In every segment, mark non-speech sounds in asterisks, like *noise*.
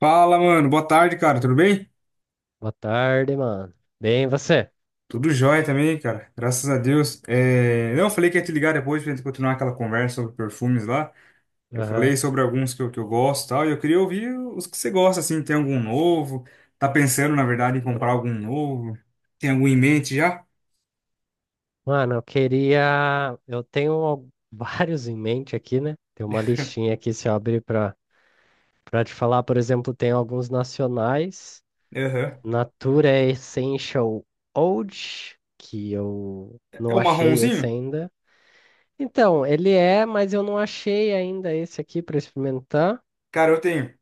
Fala, mano. Boa tarde, cara. Tudo bem? Boa tarde, mano. Bem, e você? Tudo jóia também, cara. Graças a Deus. Não, eu falei que ia te ligar depois pra gente continuar aquela conversa sobre perfumes lá. Eu Aham. falei sobre alguns que eu gosto e tal. E eu queria ouvir os que você gosta, assim. Tem algum novo? Tá pensando, na verdade, em comprar algum novo? Tem algum em mente já? Mano, eu queria. Eu tenho *laughs* vários em mente aqui, né? Tem uma listinha aqui, se eu abrir pra te falar, por exemplo, tem alguns nacionais. Aham. Natura Essential Old, que eu É não o achei esse marronzinho? ainda. Então, ele é, mas eu não achei ainda esse aqui pra experimentar. Cara, eu tenho.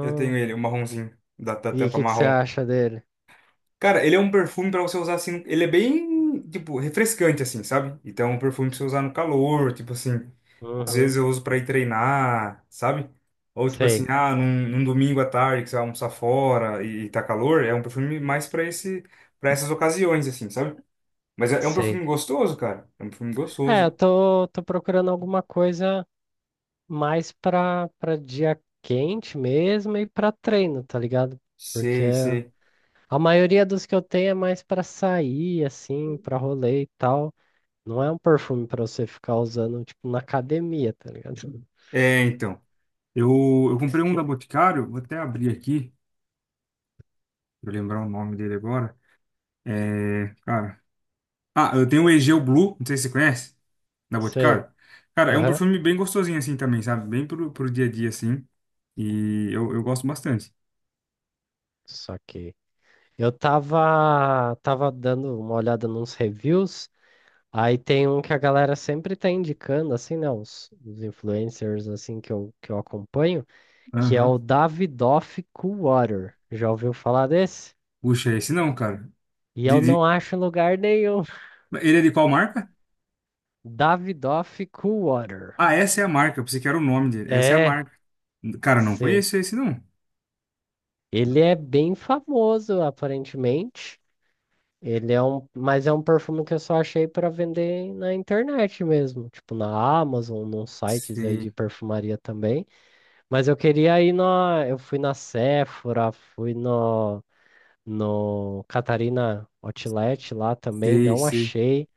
Eu tenho ele, o marronzinho, da e o tampa que que você marrom. acha dele? Cara, ele é um perfume pra você usar assim. Ele é bem, tipo, refrescante, assim, sabe? Então, é um perfume pra você usar no calor, tipo assim. Às vezes Uhum. eu uso para ir treinar, sabe? Ou tipo assim, Sei, ah, num domingo à tarde que você vai almoçar fora e tá calor, é um perfume mais para esse, para essas ocasiões, assim, sabe? Mas é um sei. perfume gostoso, cara. É um perfume É, gostoso. eu tô procurando alguma coisa mais pra dia quente mesmo e pra treino, tá ligado? Porque Sei, sei. a maioria dos que eu tenho é mais pra sair, assim, pra rolê e tal. Não é um perfume pra você ficar usando, tipo, na academia, tá ligado? É, então. Eu, eu comprei um da Boticário, vou até abrir aqui, pra eu lembrar o nome dele agora. É, cara. Ah, eu tenho o Egeu Blue, não sei se você conhece, da Sei. Boticário. Cara, é um Aham. perfume bem gostosinho assim também, sabe? Bem pro dia a dia assim. E eu gosto bastante. Só que eu tava dando uma olhada nos reviews, aí tem um que a galera sempre tá indicando, assim, né? Os influencers, assim, que eu acompanho, que é o Aham. Davidoff Coolwater. Já ouviu falar desse? Puxa, esse não, cara. E De, eu de- não acho em lugar nenhum. *laughs* Ele é de qual marca? Davidoff Coolwater. Ah, essa é a marca. Eu pensei que era o nome dele. Essa é a É, marca. Cara, não sim. conheço esse não. Ele é bem famoso, aparentemente. Ele é um, mas é um perfume que eu só achei para vender na internet mesmo, tipo na Amazon, nos sites aí Sei, de perfumaria também. Mas eu fui na Sephora, fui no Catarina Outlet lá também, sei, não sei. achei.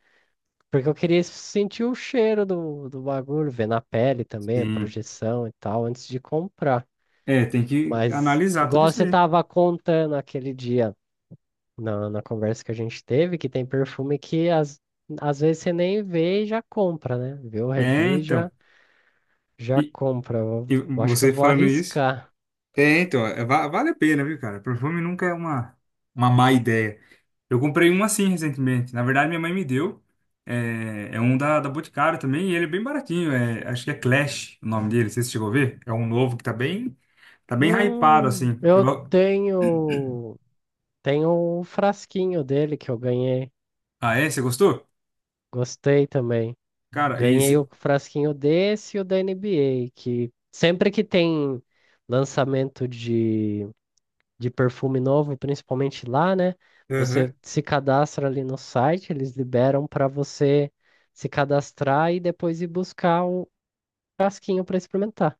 Porque eu queria sentir o cheiro do bagulho, ver na pele também, a Sim. projeção e tal, antes de comprar. É, tem que Mas, analisar tudo igual isso você aí. tava contando aquele dia, na conversa que a gente teve, que tem perfume que às vezes você nem vê e já compra, né? Vê o É, review e então. já E, compra. Eu, e eu acho que eu você vou falando isso. arriscar. É, então, vale a pena, viu, cara? Perfume nunca é uma má ideia. Eu comprei um assim recentemente. Na verdade, minha mãe me deu. É um da Boticário também, e ele é bem baratinho. É, acho que é Clash o nome dele, não sei se você chegou a ver. É um novo que tá bem hypado, assim. Eu tenho um frasquinho dele que eu ganhei. Ah, é? Você gostou? Gostei também. Cara, e Ganhei esse. o frasquinho desse e o da NBA, que sempre que tem lançamento de perfume novo, principalmente lá, né? Aham. Você se cadastra ali no site, eles liberam para você se cadastrar e depois ir buscar o frasquinho para experimentar.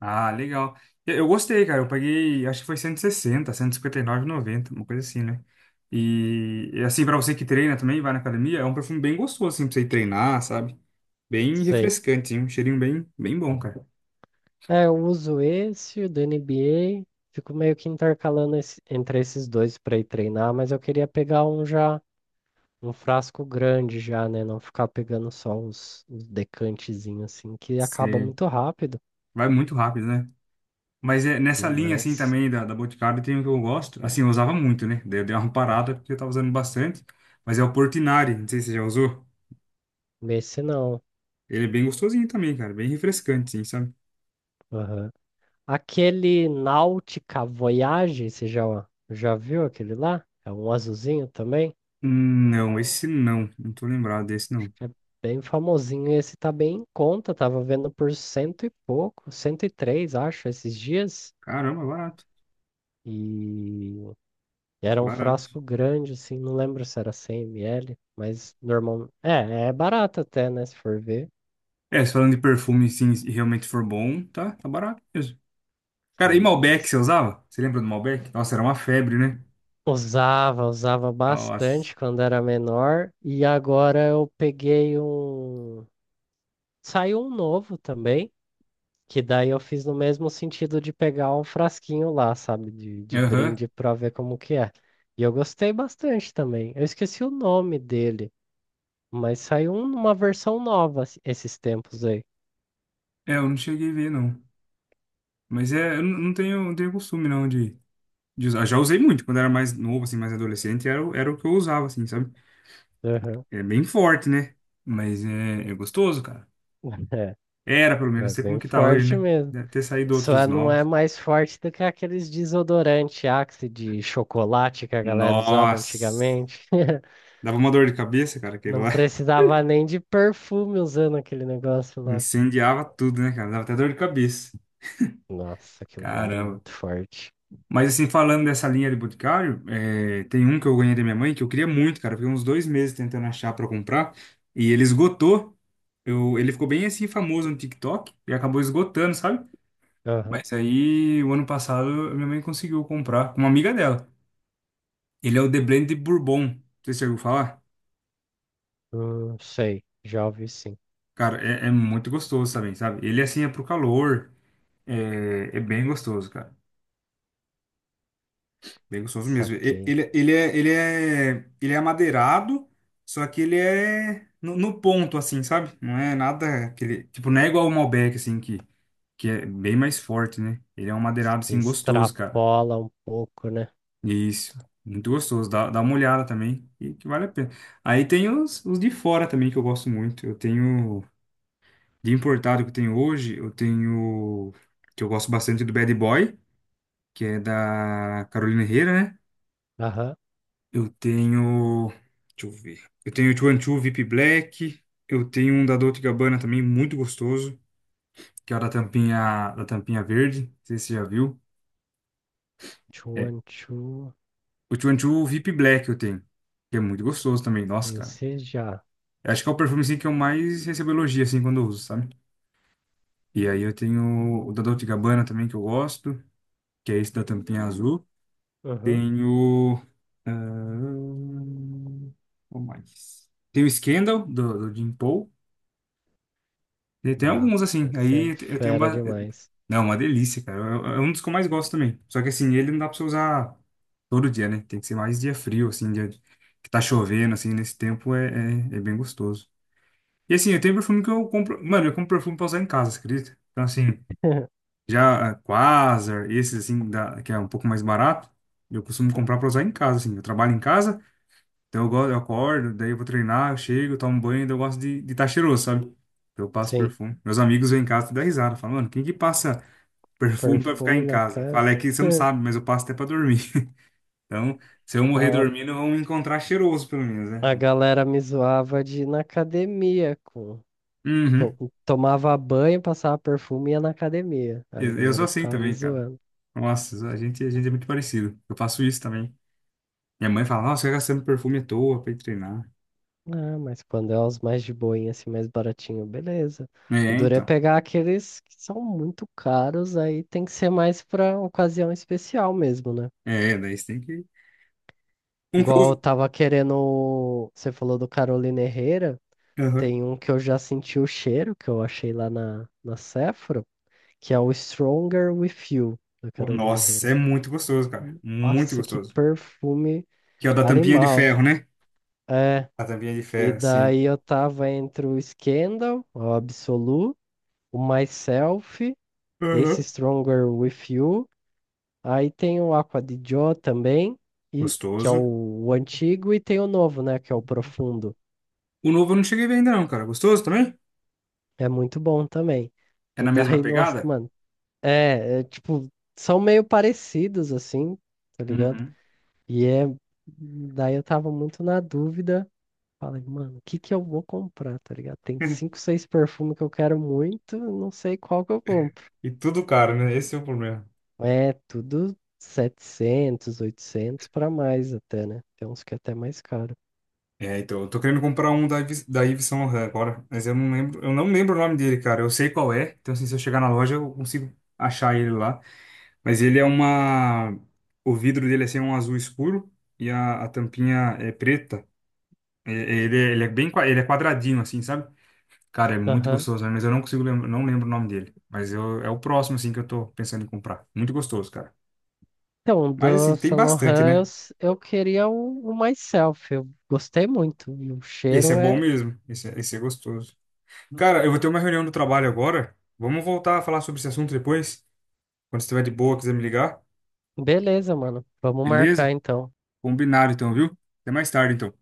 Ah, legal. Eu gostei, cara. Eu paguei, acho que foi 160, 159,60, 50 160, 90, uma coisa assim, né? E assim, pra você que treina também, vai na academia, é um perfume bem gostoso, assim, pra você ir treinar, sabe? Bem Sei. refrescante, hein? Um cheirinho bem, bem bom, cara. É, eu uso esse, o da NBA, fico meio que intercalando entre esses dois para ir treinar, mas eu queria pegar um já um frasco grande já, né? Não ficar pegando só os uns decantezinhos assim, que acaba Você muito rápido. vai muito rápido, né? Mas é, nessa linha, assim, Demais. também da Boticário, tem um que eu gosto. Assim, eu usava muito, né? Daí eu dei uma parada porque eu tava usando bastante. Mas é o Portinari, não sei se você já usou. Esse não. Ele é bem gostosinho também, cara. Bem refrescante, assim, sabe? Aham. Aquele Nautica Voyage, você já viu aquele lá? É um azulzinho também. Não, esse não. Não tô lembrado desse, não. É bem famosinho. Esse tá bem em conta. Tava vendo por cento e pouco, 103 acho, esses dias. Caramba, barato. E E era um Barato. frasco grande, assim, não lembro se era 100 ml, mas normal. É barato até, né? Se for ver. É, se falando de perfume, sim, e realmente for bom, tá barato mesmo. Cara, e Sim, Malbec você usava? Você lembra do Malbec? Nossa, era uma febre, né? Usava Nossa. bastante quando era menor. E agora eu peguei um. Saiu um novo também, que daí eu fiz no mesmo sentido de pegar um frasquinho lá, sabe? De Aham. brinde pra ver como que é. E eu gostei bastante também. Eu esqueci o nome dele, mas saiu uma versão nova esses tempos aí. É, eu não cheguei a ver, não. Mas é, eu não tenho costume, não, de usar. Já usei muito quando era mais novo, assim, mais adolescente, era o que eu usava, assim, sabe? Aham. É bem forte, né? Mas é gostoso, cara. É. Era, pelo menos, É não sei como bem que tá hoje, forte né? mesmo. Deve ter saído outros Só não é novos. mais forte do que aqueles desodorante Axe de chocolate que a galera usava Nossa. antigamente. *laughs* Dava uma dor de cabeça, cara, aquele Não lá. precisava nem de perfume usando aquele negócio lá. Incendiava tudo, né, cara? Dava até dor de cabeça. Nossa, aquilo lá era Caramba. muito forte. Mas assim, falando dessa linha de Boticário, tem um que eu ganhei da minha mãe que eu queria muito, cara. Eu fiquei uns 2 meses tentando achar pra comprar e ele esgotou. Ele ficou bem assim famoso no TikTok e acabou esgotando, sabe? Aham, Mas aí, o ano passado, a minha mãe conseguiu comprar com uma amiga dela. Ele é o The Blend Bourbon. Não sei se você ouviu falar. hum, sei, já ouvi sim. Cara, é muito gostoso também, sabe? Ele assim é pro calor. É bem gostoso, cara. Bem gostoso mesmo. E- Saquei. ele é amadeirado, só que ele é no ponto, assim, sabe? Não é nada aquele, tipo, não é igual o Malbec, assim, que é bem mais forte, né? Ele é um Isso amadeirado aqui assim, gostoso, cara. extrapola um pouco, né? Isso, muito gostoso. Dá uma olhada também, que vale a pena. Aí tem os de fora também, que eu gosto muito. De importado que eu tenho hoje, que eu gosto bastante do Bad Boy, que é da Carolina Herrera, né? Aham. Eu tenho. Deixa eu ver. Eu tenho 212 VIP Black. Eu tenho um da Dolce e Gabbana também, muito gostoso. Que é o da tampinha verde. Não sei se você já viu. É. Chuan Chu. O 212 VIP Black eu tenho. Que é muito gostoso também. Nossa, cara. Esse já. Eu acho que é o perfume assim, que eu mais recebo elogio assim, quando eu uso, sabe? E aí eu tenho o da Dolce e Gabbana também, que eu gosto. Que é esse da tampinha azul. Aham. Tenho. ah, Qual mais? Tem o Scandal, do Jim Paul. Tem alguns, Brabo. assim. Esse é Aí eu tenho. fera demais. Não, é uma delícia, cara. É um dos que eu mais gosto também. Só que, assim, ele não dá pra você usar todo dia, né? Tem que ser mais dia frio, assim, dia que tá chovendo, assim, nesse tempo é bem gostoso. E, assim, eu tenho perfume que eu compro. Mano, eu compro perfume pra usar em casa, você acredita? Então, assim, *laughs* já, Quasar, esses, assim, que é um pouco mais barato, eu costumo comprar pra usar em casa, assim. Eu trabalho em casa. Então eu, gosto, eu acordo, daí eu vou treinar, eu chego, tomo banho, daí eu gosto de estar cheiroso, sabe? Então eu passo Sim. perfume. Meus amigos vêm em casa e dão risada, falam, mano, quem que passa perfume pra ficar Perfume em na casa? Fala, casa. é que você não *laughs* sabe, mas eu passo até pra dormir. *laughs* Então, se eu morrer A, dormindo, vão me encontrar cheiroso, pelo menos, né? a galera me zoava de ir na academia com. Uhum. Tomava banho, passava perfume e ia na academia. Aí a Eu sou galera assim ficava me também, cara. zoando. Nossa, a gente é muito parecido. Eu faço isso também. Minha mãe fala, nossa, você tá gastando perfume à toa pra ir treinar. Ah, mas quando é os mais de boinha, assim, mais baratinho, beleza. O É, duro é então. pegar aqueles que são muito caros, aí tem que ser mais pra ocasião especial mesmo, né? É, daí você tem que. Um que eu Igual eu uso. tava querendo. Você falou do Carolina Herrera. Aham. Tem um que eu já senti o cheiro, que eu achei lá na Sephora, que é o Stronger With You, da Carolina Nossa, Herrera. é muito gostoso, cara. Muito Nossa, que gostoso. perfume Que é o da tampinha de animal. ferro, né? É, A tampinha de e ferro, sim. daí eu tava entre o Scandal, o Absolu, o Myself, esse Aham. Stronger With You, aí tem o Aqua di Gio também, e, que é o, Gostoso. o antigo, e tem o novo, né, que é o Profundo. O novo eu não cheguei a ver ainda não, cara. Gostoso também? É muito bom também. É E na mesma daí, *laughs* nossa, pegada? mano, é tipo, são meio parecidos, assim, tá ligado? Uhum. E é. Daí eu tava muito na dúvida. Falei, mano, o que que eu vou comprar, tá ligado? Tem cinco, *laughs* seis perfumes que eu quero muito, não sei qual que eu compro. E tudo caro, né? Esse é o problema. É tudo 700, 800 pra mais até, né? Tem uns que é até mais caro. É, então, eu tô querendo comprar um da Yves, Saint Laurent agora, mas eu não lembro o nome dele, cara. Eu sei qual é, então assim, se eu chegar na loja eu consigo achar ele lá. Mas ele é uma, o vidro dele é assim, um azul escuro e a tampinha é preta. Ele é quadradinho assim, sabe? Cara, é muito Aham. gostoso, né? Mas eu não consigo lembrar, não lembro o nome dele. Mas é o próximo, assim, que eu tô pensando em comprar. Muito gostoso, cara. Então, Mas, do assim, tem Saint Laurent, bastante, né? Eu queria o Myself. Eu gostei muito. E o Esse é cheiro bom é. mesmo. Esse é gostoso. Cara, eu vou ter uma reunião do trabalho agora. Vamos voltar a falar sobre esse assunto depois. Quando você estiver de boa, quiser me ligar. Beleza, mano. Vamos marcar Beleza? então. Combinado, então, viu? Até mais tarde, então.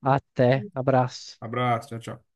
Até. Abraço. Abraço, tchau, tchau.